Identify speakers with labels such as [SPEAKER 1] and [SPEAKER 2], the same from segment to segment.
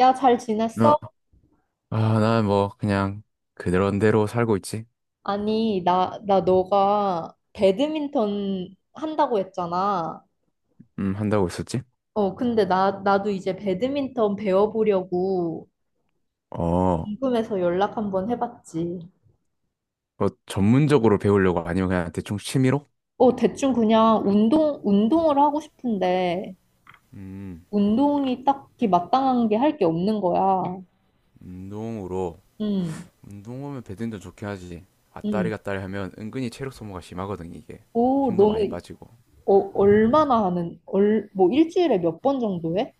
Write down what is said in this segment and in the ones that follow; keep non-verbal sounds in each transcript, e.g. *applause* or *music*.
[SPEAKER 1] 야, 잘
[SPEAKER 2] 어,
[SPEAKER 1] 지냈어?
[SPEAKER 2] 아, 난 뭐, 그냥, 그런대로 살고 있지?
[SPEAKER 1] 아니, 나 너가 배드민턴 한다고 했잖아.
[SPEAKER 2] 한다고 했었지?
[SPEAKER 1] 어, 근데 나도 이제 배드민턴 배워보려고
[SPEAKER 2] 어,
[SPEAKER 1] 궁금해서 연락 한번 해봤지.
[SPEAKER 2] 뭐, 전문적으로 배우려고 아니면 그냥 대충 취미로?
[SPEAKER 1] 어, 대충 그냥 운동을 하고 싶은데,
[SPEAKER 2] 음,
[SPEAKER 1] 운동이 딱히 마땅한 게 할 게 없는 거야.
[SPEAKER 2] 운동으로.
[SPEAKER 1] 응,
[SPEAKER 2] 운동하면 배드민턴 좋긴 하지. 아따리
[SPEAKER 1] 응.
[SPEAKER 2] 갔다리 하면 은근히 체력 소모가 심하거든, 이게.
[SPEAKER 1] 오,
[SPEAKER 2] 힘도 많이
[SPEAKER 1] 너는,
[SPEAKER 2] 빠지고.
[SPEAKER 1] 어, 얼마나 하는, 얼, 뭐 일주일에 몇 번 정도 해?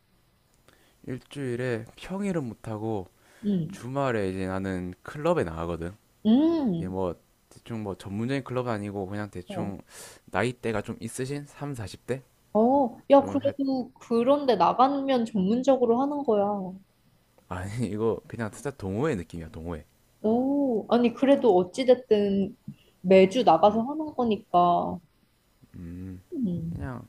[SPEAKER 2] 일주일에 평일은 못하고,
[SPEAKER 1] 응,
[SPEAKER 2] 주말에 이제 나는 클럽에 나가거든. 이게
[SPEAKER 1] 응.
[SPEAKER 2] 뭐, 대충 뭐, 전문적인 클럽 아니고, 그냥
[SPEAKER 1] 어.
[SPEAKER 2] 대충, 나이대가 좀 있으신? 3, 40대?
[SPEAKER 1] 어, 야,
[SPEAKER 2] 좀,
[SPEAKER 1] 그래도 그런데 나가면 전문적으로 하는 거야.
[SPEAKER 2] 아니, 이거 그냥 진짜 동호회 느낌이야, 동호회.
[SPEAKER 1] 오, 아니, 그래도 어찌됐든 매주 나가서 하는 거니까. 음,
[SPEAKER 2] 그냥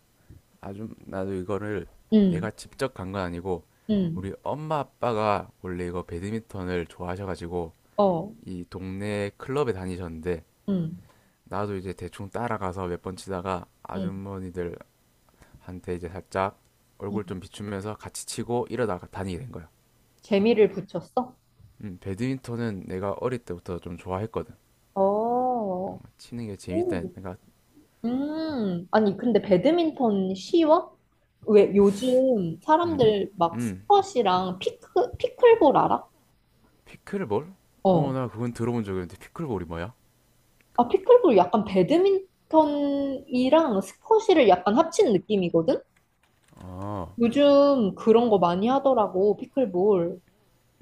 [SPEAKER 2] 아주 나도 이거를,
[SPEAKER 1] 음,
[SPEAKER 2] 내가 직접 간 건 아니고 우리
[SPEAKER 1] 음,
[SPEAKER 2] 엄마 아빠가 원래 이거 배드민턴을 좋아하셔가지고
[SPEAKER 1] 어,
[SPEAKER 2] 이 동네 클럽에 다니셨는데,
[SPEAKER 1] 음,
[SPEAKER 2] 나도 이제 대충 따라가서 몇 번 치다가
[SPEAKER 1] 음,
[SPEAKER 2] 아주머니들한테 이제 살짝
[SPEAKER 1] 음.
[SPEAKER 2] 얼굴 좀 비추면서 같이 치고 이러다가 다니게 된 거야.
[SPEAKER 1] 재미를 붙였어?
[SPEAKER 2] 음, 배드민턴은 내가 어릴 때부터 좀 좋아했거든.
[SPEAKER 1] 어,
[SPEAKER 2] 치는 게
[SPEAKER 1] 오,
[SPEAKER 2] 재밌다, 내가.
[SPEAKER 1] 아니, 근데 배드민턴 쉬워? 왜 요즘
[SPEAKER 2] 음.
[SPEAKER 1] 사람들 막
[SPEAKER 2] 음,
[SPEAKER 1] 스쿼시랑 피클볼 알아?
[SPEAKER 2] 피클볼? 어,
[SPEAKER 1] 어.
[SPEAKER 2] 나 그건 들어본 적이 있는데, 피클볼이 뭐야?
[SPEAKER 1] 아, 피클볼 약간 배드민턴이랑 스쿼시를 약간 합친 느낌이거든?
[SPEAKER 2] 아,
[SPEAKER 1] 요즘 그런 거 많이 하더라고, 피클볼.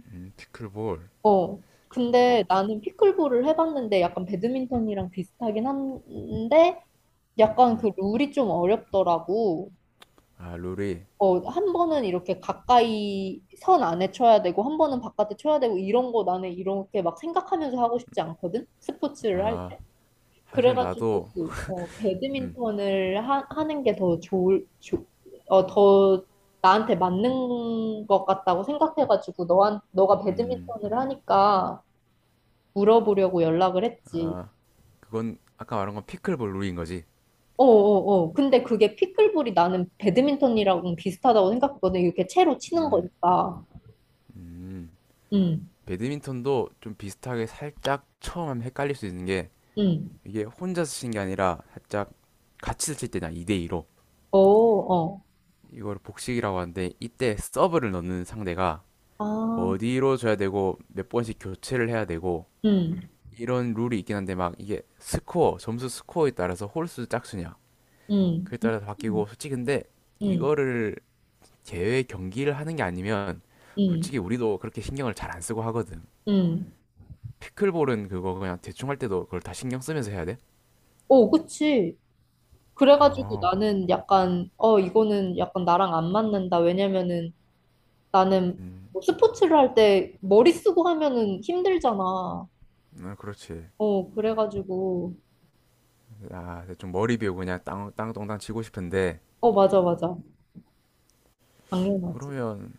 [SPEAKER 2] 피클볼.
[SPEAKER 1] 어.
[SPEAKER 2] 어,
[SPEAKER 1] 근데
[SPEAKER 2] 피,
[SPEAKER 1] 나는 피클볼을 해봤는데 약간 배드민턴이랑 비슷하긴 한데 약간
[SPEAKER 2] 음.
[SPEAKER 1] 그 룰이 좀 어렵더라고.
[SPEAKER 2] 아, 룰이.
[SPEAKER 1] 어, 한 번은 이렇게 가까이 선 안에 쳐야 되고, 한 번은 바깥에 쳐야 되고, 이런 거 나는 이렇게 막 생각하면서 하고 싶지 않거든? 스포츠를 할
[SPEAKER 2] 아,
[SPEAKER 1] 때.
[SPEAKER 2] 사실
[SPEAKER 1] 그래가지고
[SPEAKER 2] 나도, 음,
[SPEAKER 1] 배드민턴을 하는 게 더 좋을 조, 어, 더 나한테 맞는 것 같다고 생각해가지고 너한 너가
[SPEAKER 2] 음,
[SPEAKER 1] 배드민턴을 하니까 물어보려고 연락을 했지.
[SPEAKER 2] 그건 아까 말한 건 피클볼 룰인 거지.
[SPEAKER 1] 어어어. 근데 그게 피클볼이 나는 배드민턴이랑 비슷하다고 생각했거든. 이렇게 채로 치는
[SPEAKER 2] 음,
[SPEAKER 1] 거니까.
[SPEAKER 2] 음.
[SPEAKER 1] 응,
[SPEAKER 2] 배드민턴도 좀 비슷하게 살짝 처음 하면 헷갈릴 수 있는 게,
[SPEAKER 1] 응.
[SPEAKER 2] 이게 혼자서 치는 게 아니라 살짝 같이 칠 때냐 2대2로.
[SPEAKER 1] 어, 어.
[SPEAKER 2] 이걸 복식이라고 하는데, 이때 서브를 넣는 상대가
[SPEAKER 1] 아,
[SPEAKER 2] 어디로 줘야 되고 몇 번씩 교체를 해야 되고,
[SPEAKER 1] 응,
[SPEAKER 2] 이런 룰이 있긴 한데, 막 이게 스코어 점수 스코어에 따라서 홀수 짝수냐,
[SPEAKER 1] 응,
[SPEAKER 2] 그에
[SPEAKER 1] 응,
[SPEAKER 2] 따라서 바뀌고. 솔직히 근데
[SPEAKER 1] 응,
[SPEAKER 2] 이거를 제외 경기를 하는 게 아니면
[SPEAKER 1] 응,
[SPEAKER 2] 솔직히 우리도 그렇게 신경을 잘 안 쓰고 하거든.
[SPEAKER 1] 응.
[SPEAKER 2] 피클볼은 그거 그냥 대충 할 때도 그걸 다 신경 쓰면서 해야 돼?
[SPEAKER 1] 어, 그치. 그래가지고
[SPEAKER 2] 어,
[SPEAKER 1] 나는 약간, 이거는 약간 나랑 안 맞는다. 왜냐면은 나는
[SPEAKER 2] 음,
[SPEAKER 1] 뭐 스포츠를 할 때 머리 쓰고 하면은 힘들잖아.
[SPEAKER 2] 아, 그렇지.
[SPEAKER 1] 어, 그래가지고,
[SPEAKER 2] 아, 대충 머리 비우고 그냥 땅, 땅동땅 치고 싶은데,
[SPEAKER 1] 어, 맞아, 맞아. 당연하지.
[SPEAKER 2] 그러면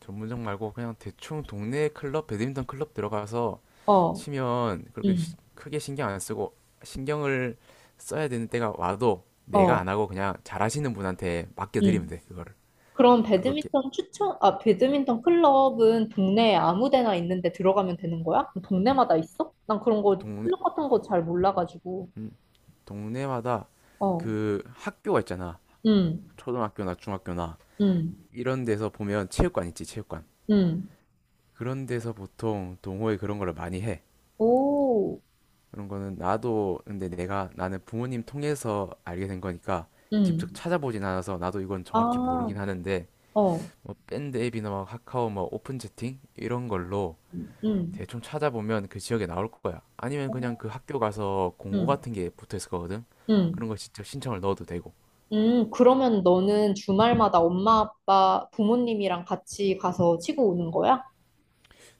[SPEAKER 2] 전문점 말고 그냥 대충 동네 클럽, 배드민턴 클럽 들어가서
[SPEAKER 1] 어,
[SPEAKER 2] 치면 그렇게
[SPEAKER 1] 응,
[SPEAKER 2] 크게 신경 안 쓰고, 신경을 써야 되는 때가 와도 내가
[SPEAKER 1] 어,
[SPEAKER 2] 안 하고 그냥 잘하시는 분한테 맡겨드리면
[SPEAKER 1] 응.
[SPEAKER 2] 돼, 그거를.
[SPEAKER 1] 그럼
[SPEAKER 2] 그거 게-
[SPEAKER 1] 배드민턴 클럽은 동네에 아무 데나 있는데 들어가면 되는 거야? 동네마다 있어? 난 그런 거,
[SPEAKER 2] 동네,
[SPEAKER 1] 클럽 같은 거 잘 몰라가지고.
[SPEAKER 2] 음, 동네마다
[SPEAKER 1] 어,
[SPEAKER 2] 그 학교가 있잖아,
[SPEAKER 1] 응,
[SPEAKER 2] 초등학교나 중학교나.
[SPEAKER 1] 응,
[SPEAKER 2] 이런 데서 보면 체육관 있지, 체육관.
[SPEAKER 1] 응.
[SPEAKER 2] 그런 데서 보통 동호회 그런 거를 많이 해.
[SPEAKER 1] 오,
[SPEAKER 2] 그런 거는 나도, 근데 내가, 나는 부모님 통해서 알게 된 거니까 직접
[SPEAKER 1] 응.
[SPEAKER 2] 찾아보진 않아서 나도 이건 정확히
[SPEAKER 1] 아.
[SPEAKER 2] 모르긴 하는데,
[SPEAKER 1] 어,
[SPEAKER 2] 뭐 밴드 앱이나 막 카카오 뭐 오픈 채팅 이런 걸로
[SPEAKER 1] 음.
[SPEAKER 2] 대충 찾아보면 그 지역에 나올 거야. 아니면 그냥
[SPEAKER 1] 응,
[SPEAKER 2] 그 학교 가서 공고
[SPEAKER 1] 응,
[SPEAKER 2] 같은 게 붙어 있을 거거든. 그런
[SPEAKER 1] 응.
[SPEAKER 2] 거 직접 신청을 넣어도 되고.
[SPEAKER 1] 그러면 너는 주말마다 엄마, 아빠, 부모님이랑 같이 가서 치고 오는 거야?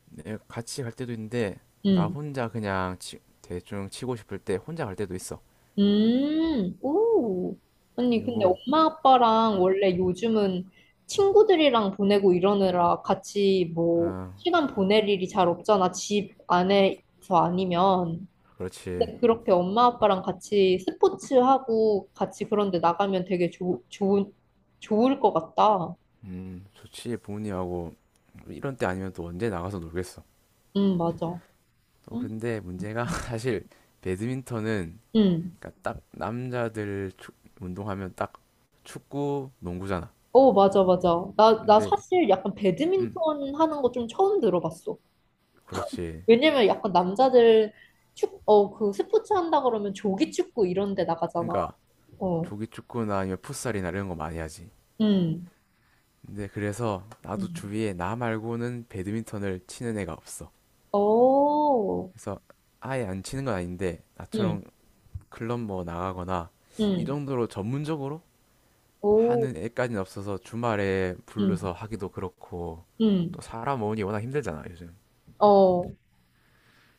[SPEAKER 2] 내가 같이 갈 때도 있는데 나
[SPEAKER 1] 응,
[SPEAKER 2] 혼자 그냥 대충 치고 싶을 때 혼자 갈 때도 있어.
[SPEAKER 1] 오. 아니, 근데
[SPEAKER 2] 그리고
[SPEAKER 1] 엄마, 아빠랑
[SPEAKER 2] 음,
[SPEAKER 1] 원래 요즘은 친구들이랑 보내고 이러느라 같이 뭐,
[SPEAKER 2] 어,
[SPEAKER 1] 시간 보낼 일이 잘 없잖아. 집 안에서 아니면.
[SPEAKER 2] 그렇지.
[SPEAKER 1] 근데 그렇게 엄마, 아빠랑 같이 스포츠하고 같이 그런데 나가면 되게 좋을 것 같다.
[SPEAKER 2] 좋지. 부모님하고 이런 때 아니면 또 언제 나가서 놀겠어.
[SPEAKER 1] 응, 맞아.
[SPEAKER 2] 또
[SPEAKER 1] 응?
[SPEAKER 2] 근데 문제가 *laughs* 사실 배드민턴은,
[SPEAKER 1] 응.
[SPEAKER 2] 그러니까 딱 남자들 운동하면 딱 축구, 농구잖아.
[SPEAKER 1] 어, 맞아, 맞아. 나
[SPEAKER 2] 근데
[SPEAKER 1] 사실 약간
[SPEAKER 2] 음
[SPEAKER 1] 배드민턴 하는 거 좀 처음 들어봤어.
[SPEAKER 2] 그렇지.
[SPEAKER 1] 왜냐면 약간 남자들 그 스포츠 한다 그러면 조기 축구 이런 데 나가잖아.
[SPEAKER 2] 그러니까
[SPEAKER 1] 어.
[SPEAKER 2] 조기 축구나 아니면 풋살이나 이런 거 많이 하지.
[SPEAKER 1] 응.
[SPEAKER 2] 근데 그래서 나도
[SPEAKER 1] 응.
[SPEAKER 2] 주위에 나 말고는 배드민턴을 치는 애가 없어.
[SPEAKER 1] 오.
[SPEAKER 2] 그래서 아예 안 치는 건 아닌데
[SPEAKER 1] 응.
[SPEAKER 2] 나처럼 클럽 뭐 나가거나 이
[SPEAKER 1] 응.
[SPEAKER 2] 정도로 전문적으로
[SPEAKER 1] 오.
[SPEAKER 2] 하는 애까지는 없어서 주말에
[SPEAKER 1] 응.
[SPEAKER 2] 불러서 하기도 그렇고,
[SPEAKER 1] 응.
[SPEAKER 2] 또 사람 모으니 워낙 힘들잖아, 요즘.
[SPEAKER 1] 어.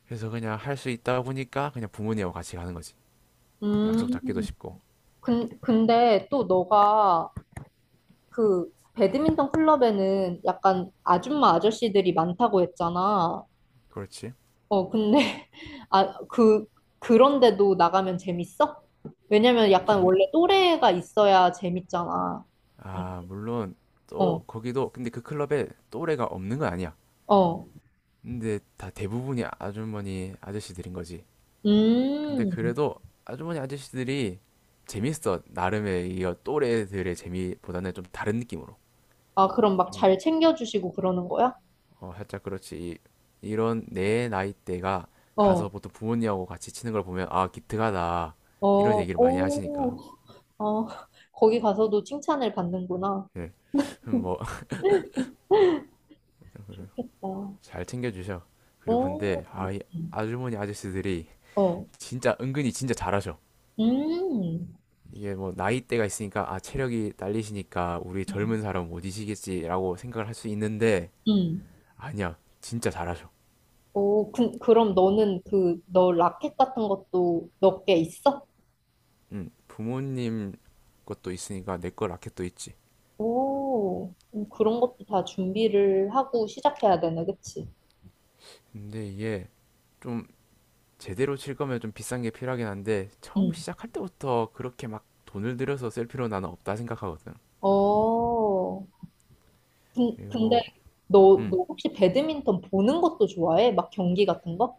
[SPEAKER 2] 그래서 그냥 할 수 있다 보니까 그냥 부모님하고 같이 가는 거지. 약속
[SPEAKER 1] 음.
[SPEAKER 2] 잡기도 쉽고.
[SPEAKER 1] 근데 또 너가 그 배드민턴 클럽에는 약간 아줌마 아저씨들이 많다고 했잖아.
[SPEAKER 2] 그렇지.
[SPEAKER 1] 어, 근데, *laughs* 아, 그런데도 나가면 재밌어? 왜냐면 약간
[SPEAKER 2] 재미,
[SPEAKER 1] 원래 또래가 있어야 재밌잖아.
[SPEAKER 2] 아 물론, 또
[SPEAKER 1] 어,
[SPEAKER 2] 거기도 근데 그 클럽에 또래가 없는 건 아니야.
[SPEAKER 1] 어.
[SPEAKER 2] 근데 다 대부분이 아주머니 아저씨들인 거지. 근데
[SPEAKER 1] 음.
[SPEAKER 2] 그래도 아주머니 아저씨들이 재밌어, 나름의. 이 또래들의 재미보다는 좀 다른 느낌으로.
[SPEAKER 1] 아, 그럼 막
[SPEAKER 2] 좀
[SPEAKER 1] 잘 챙겨주시고 그러는 거야?
[SPEAKER 2] 어, 살짝 그렇지. 이- 이런 내 나이대가 가서
[SPEAKER 1] 어,
[SPEAKER 2] 보통 부모님하고 같이 치는 걸 보면 아 기특하다
[SPEAKER 1] 어,
[SPEAKER 2] 이런 얘기를 많이 하시니까.
[SPEAKER 1] 오, 어, 거기 가서도 칭찬을 받는구나.
[SPEAKER 2] 예. 뭐 *laughs*
[SPEAKER 1] 좋겠다.
[SPEAKER 2] 잘 챙겨주셔. 그리고
[SPEAKER 1] 오,
[SPEAKER 2] 근데 아, 이 아주머니 아저씨들이
[SPEAKER 1] 어,
[SPEAKER 2] 진짜 은근히 진짜 잘하셔.
[SPEAKER 1] 음,
[SPEAKER 2] 이게 뭐 나이대가 있으니까 아 체력이 딸리시니까 우리
[SPEAKER 1] 음,
[SPEAKER 2] 젊은 사람 못 이시겠지라고 생각을 할 수 있는데,
[SPEAKER 1] 음.
[SPEAKER 2] 아니야, 진짜 잘하셔.
[SPEAKER 1] 오, 그럼 너는 너 라켓 같은 것도 몇 개 있어?
[SPEAKER 2] 응, 부모님 것도 있으니까 내 거 라켓도 있지.
[SPEAKER 1] 오, 그런 것도 다 준비를 하고 시작해야 되네, 그치?
[SPEAKER 2] 근데 이게 좀 제대로 칠 거면 좀 비싼 게 필요하긴 한데, 처음
[SPEAKER 1] 응.
[SPEAKER 2] 시작할 때부터 그렇게 막 돈을 들여서 셀 필요는 나는 없다 생각하거든.
[SPEAKER 1] 어, 근데
[SPEAKER 2] 그리고
[SPEAKER 1] 너,
[SPEAKER 2] 음,
[SPEAKER 1] 너 혹시 배드민턴 보는 것도 좋아해? 막 경기 같은 거?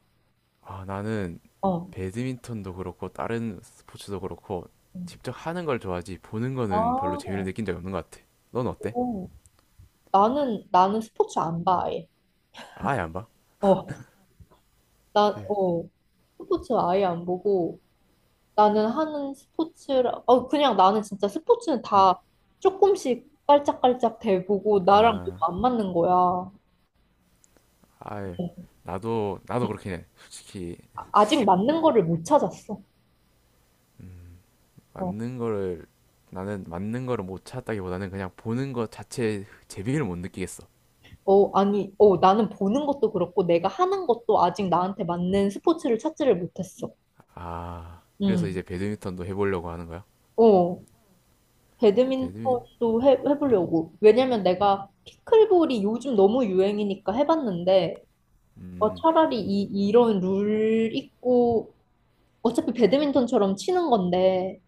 [SPEAKER 2] 아, 나는
[SPEAKER 1] 어.
[SPEAKER 2] 배드민턴도 그렇고 다른 스포츠도 그렇고
[SPEAKER 1] 음.
[SPEAKER 2] 직접 하는 걸 좋아하지 보는
[SPEAKER 1] 아,
[SPEAKER 2] 거는 별로 재미를 느낀 적이 없는 것 같아. 넌 어때?
[SPEAKER 1] 오. 나는 스포츠 안 봐, 아예.
[SPEAKER 2] 아예 안 봐?
[SPEAKER 1] 어, 나,
[SPEAKER 2] 실,
[SPEAKER 1] 어, 스포츠 아예 안 보고 나는 하는 스포츠라, 그냥 나는 진짜 스포츠는
[SPEAKER 2] 음,
[SPEAKER 1] 다 조금씩 깔짝깔짝 대보고 나랑
[SPEAKER 2] 아,
[SPEAKER 1] 너무 안 맞는 거야.
[SPEAKER 2] 아예. 나도 그렇긴 해, 솔직히.
[SPEAKER 1] 아직
[SPEAKER 2] 뭐,
[SPEAKER 1] 맞는 거를 못 찾았어. 어,
[SPEAKER 2] 맞는 거를, 나는 맞는 거를 못 찾았다기보다는 그냥 보는 것 자체의 재미를 못 느끼겠어.
[SPEAKER 1] 어, 아니, 어, 나는 보는 것도 그렇고, 내가 하는 것도 아직 나한테 맞는 스포츠를 찾지를 못했어.
[SPEAKER 2] 아, 그래서
[SPEAKER 1] 음,
[SPEAKER 2] 이제 배드민턴도 해보려고 하는 거야?
[SPEAKER 1] 어,
[SPEAKER 2] 배드민,
[SPEAKER 1] 배드민턴도 해보려고. 왜냐면 내가 피클볼이 요즘 너무 유행이니까 해봤는데, 어,
[SPEAKER 2] 음,
[SPEAKER 1] 차라리 이런 룰 있고, 어차피 배드민턴처럼 치는 건데,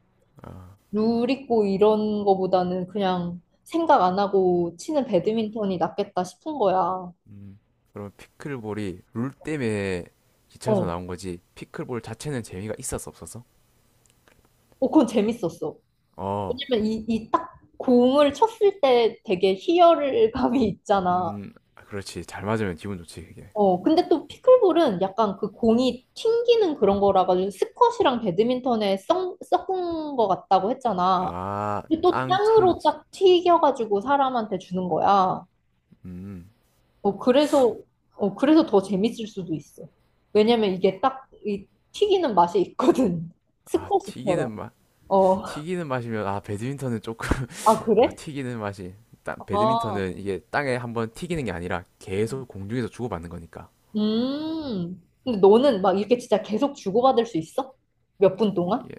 [SPEAKER 2] 아.
[SPEAKER 1] 룰 있고 이런 거보다는 그냥 생각 안 하고 치는 배드민턴이 낫겠다 싶은 거야. 어.
[SPEAKER 2] 음, 그럼 피클볼이 룰 때문에 기차에서 나온 거지. 피클볼 자체는 재미가 있었어, 없었어?
[SPEAKER 1] 어, 그건 재밌었어.
[SPEAKER 2] 어,
[SPEAKER 1] 왜냐면 이 딱 공을 쳤을 때 되게 희열감이 있잖아.
[SPEAKER 2] 아, 그렇지. 잘 맞으면 기분 좋지, 그게.
[SPEAKER 1] 어, 근데 또 피클볼은 약간 그 공이 튕기는 그런 거라 가지고 스쿼시랑 배드민턴에 섞은 거 같다고 했잖아.
[SPEAKER 2] 아,
[SPEAKER 1] 근데 또
[SPEAKER 2] 땅
[SPEAKER 1] 땅으로
[SPEAKER 2] 참지.
[SPEAKER 1] 딱 튀겨가지고 사람한테 주는 거야.
[SPEAKER 2] 음,
[SPEAKER 1] 어, 그래서 더 재밌을 수도 있어. 왜냐면 이게 딱 이 튀기는 맛이 있거든. *laughs*
[SPEAKER 2] 아,
[SPEAKER 1] 스쿼시처럼.
[SPEAKER 2] 튀기는 맛,
[SPEAKER 1] 어.
[SPEAKER 2] 튀기는 맛이면, 아, 배드민턴은 조금,
[SPEAKER 1] 아,
[SPEAKER 2] *laughs* 아,
[SPEAKER 1] 그래?
[SPEAKER 2] 튀기는 맛이. 땅,
[SPEAKER 1] 아.
[SPEAKER 2] 배드민턴은 이게 땅에 한번 튀기는 게 아니라 계속 공중에서 주고받는 거니까.
[SPEAKER 1] 음. 근데 너는 막 이렇게 진짜 계속 주고받을 수 있어? 몇 분 동안?
[SPEAKER 2] 이게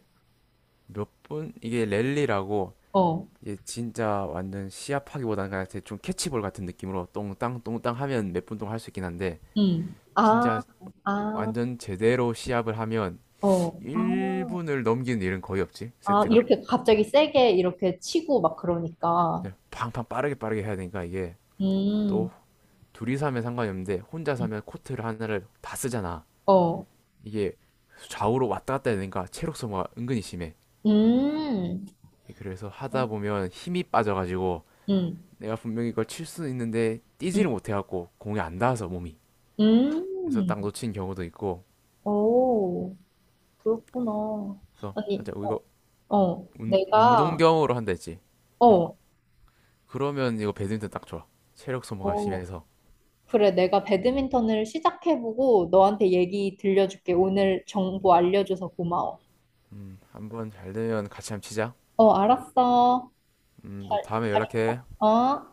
[SPEAKER 2] 몇 분, 이게 랠리라고,
[SPEAKER 1] 어.
[SPEAKER 2] 얘 진짜 완전 시합하기보다는 그냥 대충 캐치볼 같은 느낌으로 똥땅 똥땅 하면 몇분 동안 할 수 있긴 한데,
[SPEAKER 1] 음. 아,
[SPEAKER 2] 진짜
[SPEAKER 1] 아,
[SPEAKER 2] 완전 제대로 시합을 하면
[SPEAKER 1] 어. 아,
[SPEAKER 2] 1분을 넘기는 일은 거의 없지,
[SPEAKER 1] 아,
[SPEAKER 2] 세트가.
[SPEAKER 1] 이렇게 갑자기 세게 이렇게 치고 막 그러니까.
[SPEAKER 2] 네, 팡팡 빠르게 빠르게 해야 되니까. 이게 또
[SPEAKER 1] 음.
[SPEAKER 2] 둘이서 하면 상관이 없는데 혼자서 하면 코트를 하나를 다 쓰잖아.
[SPEAKER 1] 어.
[SPEAKER 2] 이게 좌우로 왔다 갔다 해야 되니까 체력 소모가 은근히 심해.
[SPEAKER 1] 음.
[SPEAKER 2] 그래서 하다 보면 힘이 빠져가지고
[SPEAKER 1] 음.
[SPEAKER 2] 내가 분명히 이걸 칠 수는 있는데 뛰지를
[SPEAKER 1] 음.
[SPEAKER 2] 못해갖고 공이 안 닿아서 몸이,
[SPEAKER 1] 음.
[SPEAKER 2] 그래서 딱 놓친 경우도 있고.
[SPEAKER 1] 오, 그렇구나.
[SPEAKER 2] 그래서
[SPEAKER 1] 아니,
[SPEAKER 2] 살짝 어, 이거
[SPEAKER 1] 어, 어,
[SPEAKER 2] 운, 운동경으로 한다 했지. 어,
[SPEAKER 1] 어,
[SPEAKER 2] 그러면 이거 배드민턴 딱 좋아, 체력 소모가
[SPEAKER 1] 어,
[SPEAKER 2] 심해서.
[SPEAKER 1] 그래, 내가 배드민턴을 시작해보고 너한테 얘기 들려줄게. 오늘 정보 알려줘서 고마워.
[SPEAKER 2] 음, 한번 잘 되면 같이 한번 치자.
[SPEAKER 1] 어, 알았어.
[SPEAKER 2] 음또 다음에 연락해.
[SPEAKER 1] 어?